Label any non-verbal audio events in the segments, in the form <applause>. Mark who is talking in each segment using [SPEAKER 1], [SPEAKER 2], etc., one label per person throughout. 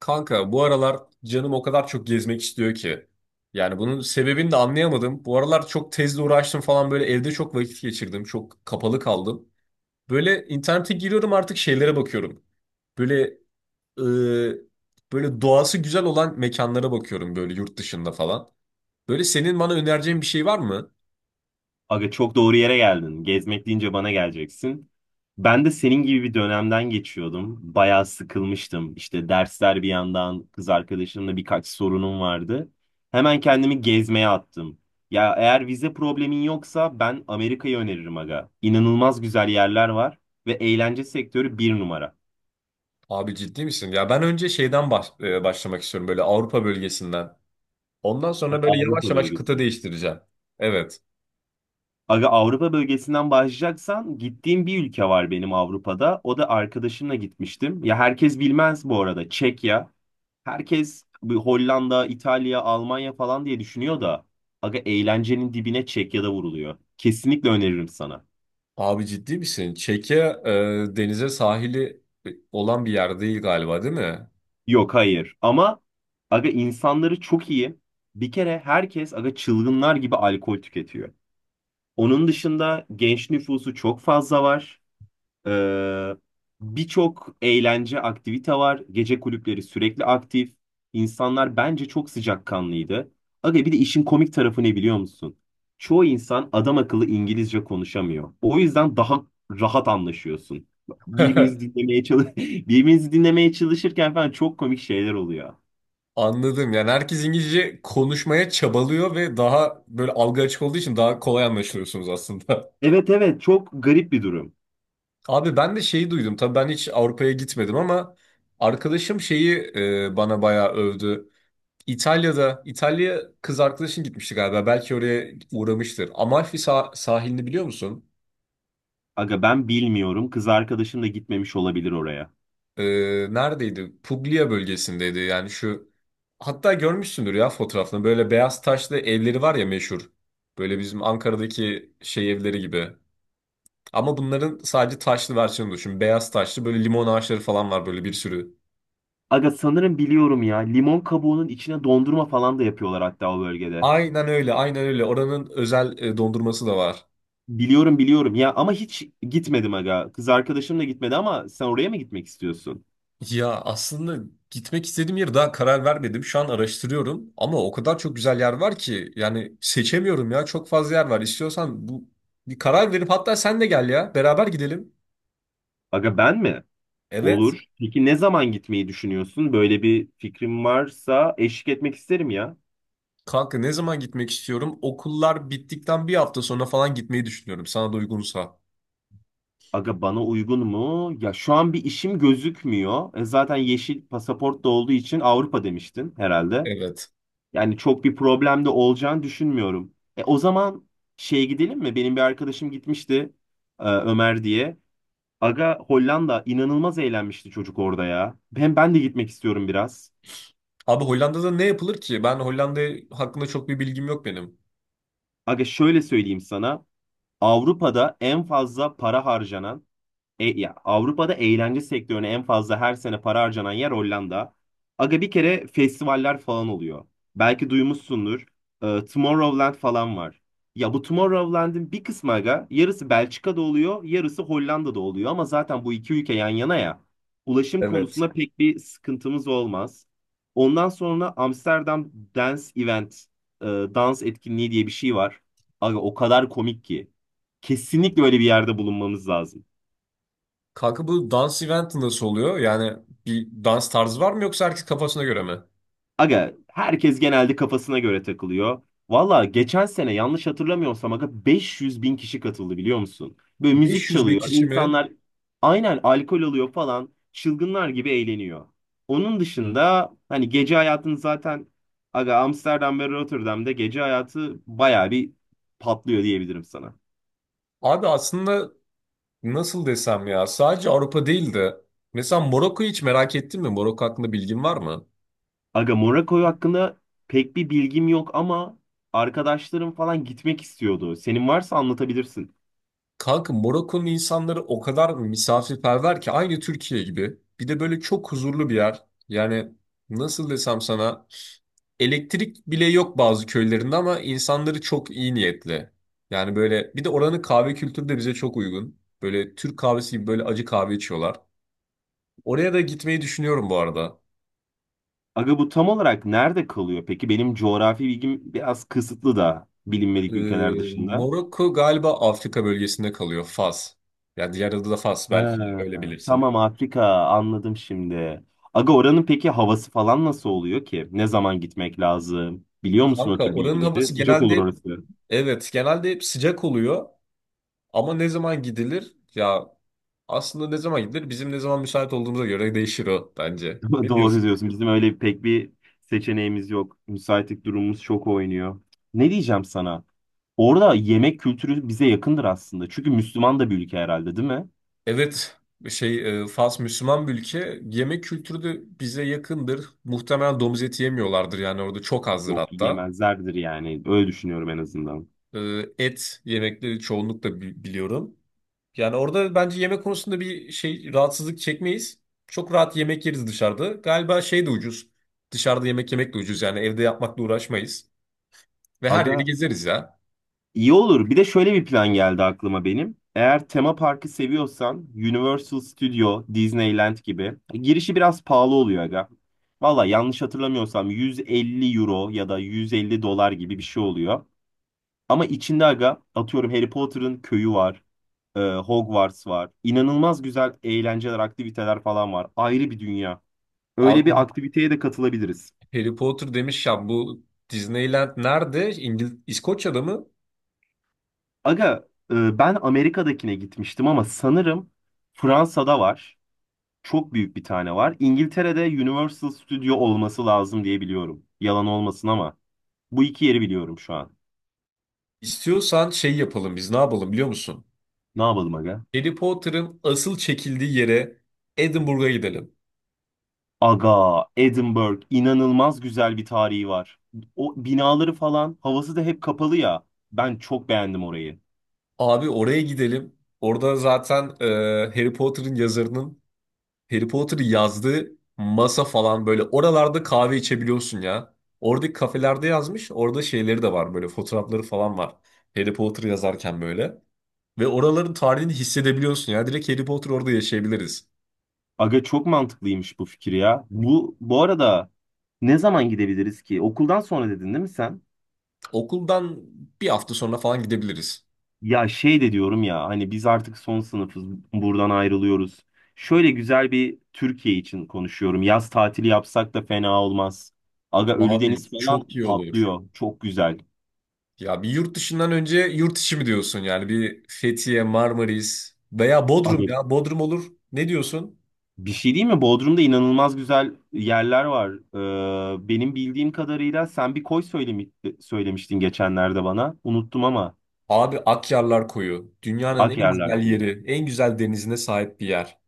[SPEAKER 1] Kanka bu aralar canım o kadar çok gezmek istiyor ki. Yani bunun sebebini de anlayamadım. Bu aralar çok tezle uğraştım falan, böyle evde çok vakit geçirdim. Çok kapalı kaldım. Böyle internete giriyorum artık, şeylere bakıyorum. Böyle e, Böyle doğası güzel olan mekanlara bakıyorum, böyle yurt dışında falan. Böyle senin bana önereceğin bir şey var mı?
[SPEAKER 2] Aga çok doğru yere geldin. Gezmek deyince bana geleceksin. Ben de senin gibi bir dönemden geçiyordum. Bayağı sıkılmıştım. İşte dersler bir yandan, kız arkadaşımla birkaç sorunum vardı. Hemen kendimi gezmeye attım. Ya eğer vize problemin yoksa ben Amerika'yı öneririm aga. İnanılmaz güzel yerler var ve eğlence sektörü bir numara.
[SPEAKER 1] Abi ciddi misin? Ya ben önce başlamak istiyorum, böyle Avrupa bölgesinden. Ondan
[SPEAKER 2] Ha,
[SPEAKER 1] sonra böyle yavaş
[SPEAKER 2] Avrupa
[SPEAKER 1] yavaş kıta
[SPEAKER 2] bölgesinde.
[SPEAKER 1] değiştireceğim. Evet.
[SPEAKER 2] Aga Avrupa bölgesinden başlayacaksan gittiğim bir ülke var benim Avrupa'da. O da arkadaşımla gitmiştim. Ya herkes bilmez bu arada. Çekya. Herkes bir Hollanda, İtalya, Almanya falan diye düşünüyor da aga eğlencenin dibine Çekya'da vuruluyor. Kesinlikle öneririm sana.
[SPEAKER 1] Abi ciddi misin? Denize sahili olan bir yer değil galiba, değil mi?
[SPEAKER 2] Yok hayır ama aga insanları çok iyi. Bir kere herkes aga çılgınlar gibi alkol tüketiyor. Onun dışında genç nüfusu çok fazla var. Ee, Birçok eğlence aktivite var. Gece kulüpleri sürekli aktif. İnsanlar bence çok sıcakkanlıydı. Aga bir de işin komik tarafı ne biliyor musun? Çoğu insan adam akıllı İngilizce konuşamıyor. O yüzden daha rahat anlaşıyorsun. Birbirinizi
[SPEAKER 1] <laughs>
[SPEAKER 2] dinlemeye çalış <laughs> birbirinizi dinlemeye çalışırken falan çok komik şeyler oluyor.
[SPEAKER 1] Anladım. Yani herkes İngilizce konuşmaya çabalıyor ve daha böyle algı açık olduğu için daha kolay anlaşılıyorsunuz aslında. <laughs>
[SPEAKER 2] Evet evet, çok garip bir durum.
[SPEAKER 1] Abi ben de şeyi duydum. Tabii ben hiç Avrupa'ya gitmedim ama arkadaşım bana bayağı övdü. İtalya'da, İtalya kız arkadaşın gitmişti galiba. Belki oraya uğramıştır. Amalfi sahilini biliyor musun?
[SPEAKER 2] Aga ben bilmiyorum. Kız arkadaşım da gitmemiş olabilir oraya.
[SPEAKER 1] e, Neredeydi? Puglia bölgesindeydi. Yani şu, hatta görmüşsündür ya fotoğrafını. Böyle beyaz taşlı evleri var ya, meşhur. Böyle bizim Ankara'daki şey evleri gibi. Ama bunların sadece taşlı versiyonu düşün. Beyaz taşlı, böyle limon ağaçları falan var böyle, bir sürü.
[SPEAKER 2] Aga sanırım biliyorum ya. Limon kabuğunun içine dondurma falan da yapıyorlar hatta o bölgede.
[SPEAKER 1] Aynen öyle, aynen öyle. Oranın özel dondurması da var.
[SPEAKER 2] Biliyorum biliyorum ya, ama hiç gitmedim aga. Kız arkadaşım da gitmedi, ama sen oraya mı gitmek istiyorsun?
[SPEAKER 1] Ya aslında gitmek istediğim yeri daha karar vermedim. Şu an araştırıyorum ama o kadar çok güzel yer var ki, yani seçemiyorum ya. Çok fazla yer var. İstiyorsan bu, bir karar verip hatta sen de gel ya. Beraber gidelim.
[SPEAKER 2] Aga ben mi?
[SPEAKER 1] Evet.
[SPEAKER 2] Olur. Peki ne zaman gitmeyi düşünüyorsun? Böyle bir fikrim varsa eşlik etmek isterim ya.
[SPEAKER 1] Kanka ne zaman gitmek istiyorum? Okullar bittikten bir hafta sonra falan gitmeyi düşünüyorum. Sana da uygunsa.
[SPEAKER 2] Aga bana uygun mu? Ya şu an bir işim gözükmüyor. Zaten yeşil pasaport da olduğu için Avrupa demiştin herhalde.
[SPEAKER 1] Evet.
[SPEAKER 2] Yani çok bir problem de olacağını düşünmüyorum. O zaman şeye gidelim mi? Benim bir arkadaşım gitmişti Ömer diye. Aga Hollanda inanılmaz eğlenmişti çocuk orada ya. Hem ben de gitmek istiyorum biraz.
[SPEAKER 1] Abi Hollanda'da ne yapılır ki? Ben Hollanda hakkında çok bir bilgim yok benim.
[SPEAKER 2] Aga şöyle söyleyeyim sana. Avrupa'da en fazla para harcanan E, ya Avrupa'da eğlence sektörüne en fazla her sene para harcanan yer Hollanda. Aga bir kere festivaller falan oluyor. Belki duymuşsundur. Tomorrowland falan var. Ya bu Tomorrowland'in bir kısmı aga yarısı Belçika'da oluyor, yarısı Hollanda'da oluyor, ama zaten bu iki ülke yan yana ya. Ulaşım
[SPEAKER 1] Evet.
[SPEAKER 2] konusunda pek bir sıkıntımız olmaz. Ondan sonra Amsterdam Dance Event, dans etkinliği diye bir şey var. Aga o kadar komik ki. Kesinlikle öyle bir yerde bulunmamız lazım.
[SPEAKER 1] Kanka bu dans eventi nasıl oluyor? Yani bir dans tarzı var mı, yoksa herkes kafasına göre mi?
[SPEAKER 2] Aga herkes genelde kafasına göre takılıyor. Valla geçen sene yanlış hatırlamıyorsam aga 500 bin kişi katıldı biliyor musun? Böyle müzik
[SPEAKER 1] 500 bin
[SPEAKER 2] çalıyor.
[SPEAKER 1] kişi mi?
[SPEAKER 2] İnsanlar aynen alkol alıyor falan. Çılgınlar gibi eğleniyor. Onun dışında hani gece hayatını zaten aga Amsterdam ve Rotterdam'da gece hayatı baya bir patlıyor diyebilirim sana.
[SPEAKER 1] Abi aslında nasıl desem ya, sadece Avrupa değil de mesela Morokko'yu hiç merak ettin mi? Morokko hakkında bilgin var mı?
[SPEAKER 2] Aga Monaco hakkında pek bir bilgim yok, ama arkadaşlarım falan gitmek istiyordu. Senin varsa anlatabilirsin.
[SPEAKER 1] Kanka Morokko'nun insanları o kadar misafirperver ki, aynı Türkiye gibi. Bir de böyle çok huzurlu bir yer. Yani nasıl desem sana, elektrik bile yok bazı köylerinde ama insanları çok iyi niyetli. Yani böyle, bir de oranın kahve kültürü de bize çok uygun. Böyle Türk kahvesi gibi, böyle acı kahve içiyorlar. Oraya da gitmeyi düşünüyorum bu arada.
[SPEAKER 2] Aga bu tam olarak nerede kalıyor? Peki benim coğrafi bilgim biraz kısıtlı da bilinmedik ülkeler dışında.
[SPEAKER 1] Morokko galiba Afrika bölgesinde kalıyor. Fas. Yani diğer adı da Fas, belki
[SPEAKER 2] Ha,
[SPEAKER 1] öyle bilirsin.
[SPEAKER 2] tamam, Afrika anladım şimdi. Aga oranın peki havası falan nasıl oluyor ki? Ne zaman gitmek lazım? Biliyor musun o
[SPEAKER 1] Kanka
[SPEAKER 2] tür
[SPEAKER 1] oranın
[SPEAKER 2] bilgileri?
[SPEAKER 1] havası
[SPEAKER 2] Sıcak olur
[SPEAKER 1] genelde,
[SPEAKER 2] orası.
[SPEAKER 1] evet genelde hep sıcak oluyor. Ama ne zaman gidilir? Ya aslında ne zaman gidilir? Bizim ne zaman müsait olduğumuza göre değişir o, bence.
[SPEAKER 2] <laughs>
[SPEAKER 1] Ne
[SPEAKER 2] Doğru
[SPEAKER 1] diyorsun?
[SPEAKER 2] diyorsun. Bizim öyle pek bir seçeneğimiz yok. Müsaitlik durumumuz çok oynuyor. Ne diyeceğim sana? Orada yemek kültürü bize yakındır aslında. Çünkü Müslüman da bir ülke herhalde, değil mi?
[SPEAKER 1] Evet, Fas Müslüman bir ülke. Yemek kültürü de bize yakındır. Muhtemelen domuz eti yemiyorlardır, yani orada çok azdır
[SPEAKER 2] Yok,
[SPEAKER 1] hatta.
[SPEAKER 2] yemezlerdir yani. Öyle düşünüyorum en azından.
[SPEAKER 1] Et yemekleri çoğunlukla biliyorum. Yani orada bence yemek konusunda bir şey, rahatsızlık çekmeyiz. Çok rahat yemek yeriz dışarıda. Galiba şey de ucuz. Dışarıda yemek yemek de ucuz, yani evde yapmakla uğraşmayız. Ve her yeri
[SPEAKER 2] Aga
[SPEAKER 1] gezeriz ya.
[SPEAKER 2] iyi olur. Bir de şöyle bir plan geldi aklıma benim. Eğer tema parkı seviyorsan Universal Studio, Disneyland gibi. Girişi biraz pahalı oluyor aga. Valla yanlış hatırlamıyorsam 150 euro ya da 150 dolar gibi bir şey oluyor. Ama içinde aga atıyorum Harry Potter'ın köyü var. Hogwarts var. İnanılmaz güzel eğlenceler, aktiviteler falan var. Ayrı bir dünya. Öyle bir
[SPEAKER 1] Abi
[SPEAKER 2] aktiviteye de katılabiliriz.
[SPEAKER 1] Harry Potter demiş ya, bu Disneyland nerede? İngil İskoçya'da mı?
[SPEAKER 2] Aga ben Amerika'dakine gitmiştim, ama sanırım Fransa'da var. Çok büyük bir tane var. İngiltere'de Universal Studio olması lazım diye biliyorum. Yalan olmasın ama. Bu iki yeri biliyorum şu an.
[SPEAKER 1] İstiyorsan şey yapalım, biz ne yapalım biliyor musun?
[SPEAKER 2] Ne yapalım aga?
[SPEAKER 1] Harry Potter'ın asıl çekildiği yere, Edinburgh'a gidelim.
[SPEAKER 2] Aga, Edinburgh inanılmaz güzel bir tarihi var. O binaları falan havası da hep kapalı ya. Ben çok beğendim orayı.
[SPEAKER 1] Abi oraya gidelim. Orada zaten Harry Potter'ın yazarının, Harry Potter'ı yazdığı masa falan, böyle oralarda kahve içebiliyorsun ya. Oradaki kafelerde yazmış. Orada şeyleri de var, böyle fotoğrafları falan var. Harry Potter yazarken böyle. Ve oraların tarihini hissedebiliyorsun ya. Direkt Harry Potter orada yaşayabiliriz.
[SPEAKER 2] Aga çok mantıklıymış bu fikir ya. Bu arada ne zaman gidebiliriz ki? Okuldan sonra dedin değil mi sen?
[SPEAKER 1] Okuldan bir hafta sonra falan gidebiliriz.
[SPEAKER 2] Ya şey de diyorum ya hani biz artık son sınıfız, buradan ayrılıyoruz. Şöyle güzel bir Türkiye için konuşuyorum. Yaz tatili yapsak da fena olmaz. Aga
[SPEAKER 1] Abi
[SPEAKER 2] Ölüdeniz falan
[SPEAKER 1] çok iyi olur.
[SPEAKER 2] patlıyor. Çok güzel.
[SPEAKER 1] Ya bir yurt dışından önce yurt içi mi diyorsun? Yani bir Fethiye, Marmaris veya Bodrum,
[SPEAKER 2] Aga
[SPEAKER 1] ya Bodrum olur. Ne diyorsun?
[SPEAKER 2] bir şey değil mi? Bodrum'da inanılmaz güzel yerler var. Benim bildiğim kadarıyla sen bir koy söylemiştin geçenlerde bana. Unuttum ama.
[SPEAKER 1] Abi Akyarlar Koyu. Dünyanın
[SPEAKER 2] Ak
[SPEAKER 1] en güzel
[SPEAKER 2] yerler koyu.
[SPEAKER 1] yeri, en güzel denizine sahip bir yer.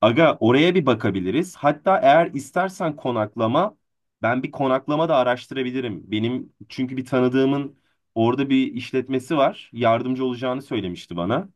[SPEAKER 2] Aga oraya bir bakabiliriz. Hatta eğer istersen konaklama, ben bir konaklama da araştırabilirim. Benim çünkü bir tanıdığımın orada bir işletmesi var. Yardımcı olacağını söylemişti bana.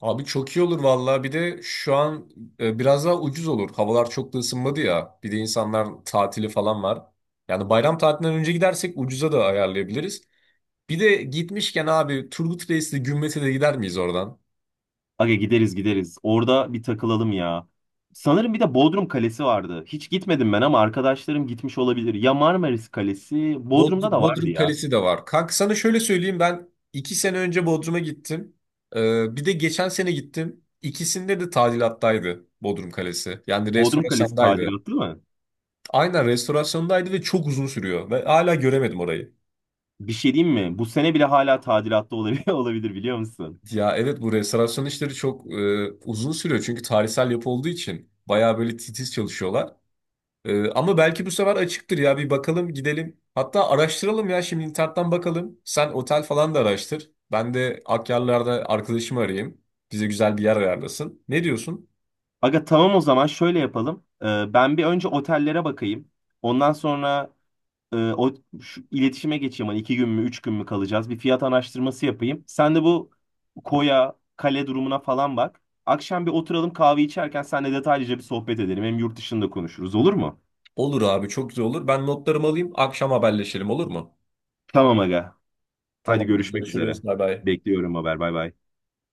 [SPEAKER 1] Abi çok iyi olur vallahi. Bir de şu an biraz daha ucuz olur. Havalar çok da ısınmadı ya. Bir de insanlar tatili falan var. Yani bayram tatilinden önce gidersek ucuza da ayarlayabiliriz. Bir de gitmişken abi, Turgut Reis'le Gümbet'e de gider miyiz oradan?
[SPEAKER 2] Aga gideriz gideriz. Orada bir takılalım ya. Sanırım bir de Bodrum Kalesi vardı. Hiç gitmedim ben, ama arkadaşlarım gitmiş olabilir. Ya Marmaris Kalesi, Bodrum'da da vardı
[SPEAKER 1] Bodrum
[SPEAKER 2] ya.
[SPEAKER 1] Kalesi de var. Kanka sana şöyle söyleyeyim, ben iki sene önce Bodrum'a gittim. Bir de geçen sene gittim. İkisinde de tadilattaydı Bodrum Kalesi. Yani
[SPEAKER 2] Bodrum Kalesi
[SPEAKER 1] restorasyondaydı.
[SPEAKER 2] tadilatlı mı?
[SPEAKER 1] Aynen, restorasyondaydı ve çok uzun sürüyor. Ve hala göremedim orayı.
[SPEAKER 2] Bir şey diyeyim mi? Bu sene bile hala tadilatlı olabilir, <laughs> olabilir biliyor musun?
[SPEAKER 1] Ya evet, bu restorasyon işleri çok uzun sürüyor. Çünkü tarihsel yapı olduğu için bayağı böyle titiz çalışıyorlar. Ama belki bu sefer açıktır ya, bir bakalım gidelim. Hatta araştıralım ya, şimdi internetten bakalım. Sen otel falan da araştır. Ben de Akyarlar'da arkadaşımı arayayım. Bize güzel bir yer ayarlasın. Ne diyorsun?
[SPEAKER 2] Aga tamam, o zaman şöyle yapalım. Ben bir önce otellere bakayım. Ondan sonra e, o şu iletişime geçeyim. Hani iki gün mü, üç gün mü kalacağız? Bir fiyat araştırması yapayım. Sen de bu koya, kale durumuna falan bak. Akşam bir oturalım, kahve içerken seninle detaylıca bir sohbet edelim. Hem yurt dışında konuşuruz, olur mu?
[SPEAKER 1] Olur abi, çok güzel olur. Ben notlarımı alayım, akşam haberleşelim olur mu?
[SPEAKER 2] Tamam aga. Hadi
[SPEAKER 1] Tamamdır.
[SPEAKER 2] görüşmek üzere.
[SPEAKER 1] Görüşürüz. Bay bay.
[SPEAKER 2] Bekliyorum haber. Bay bay.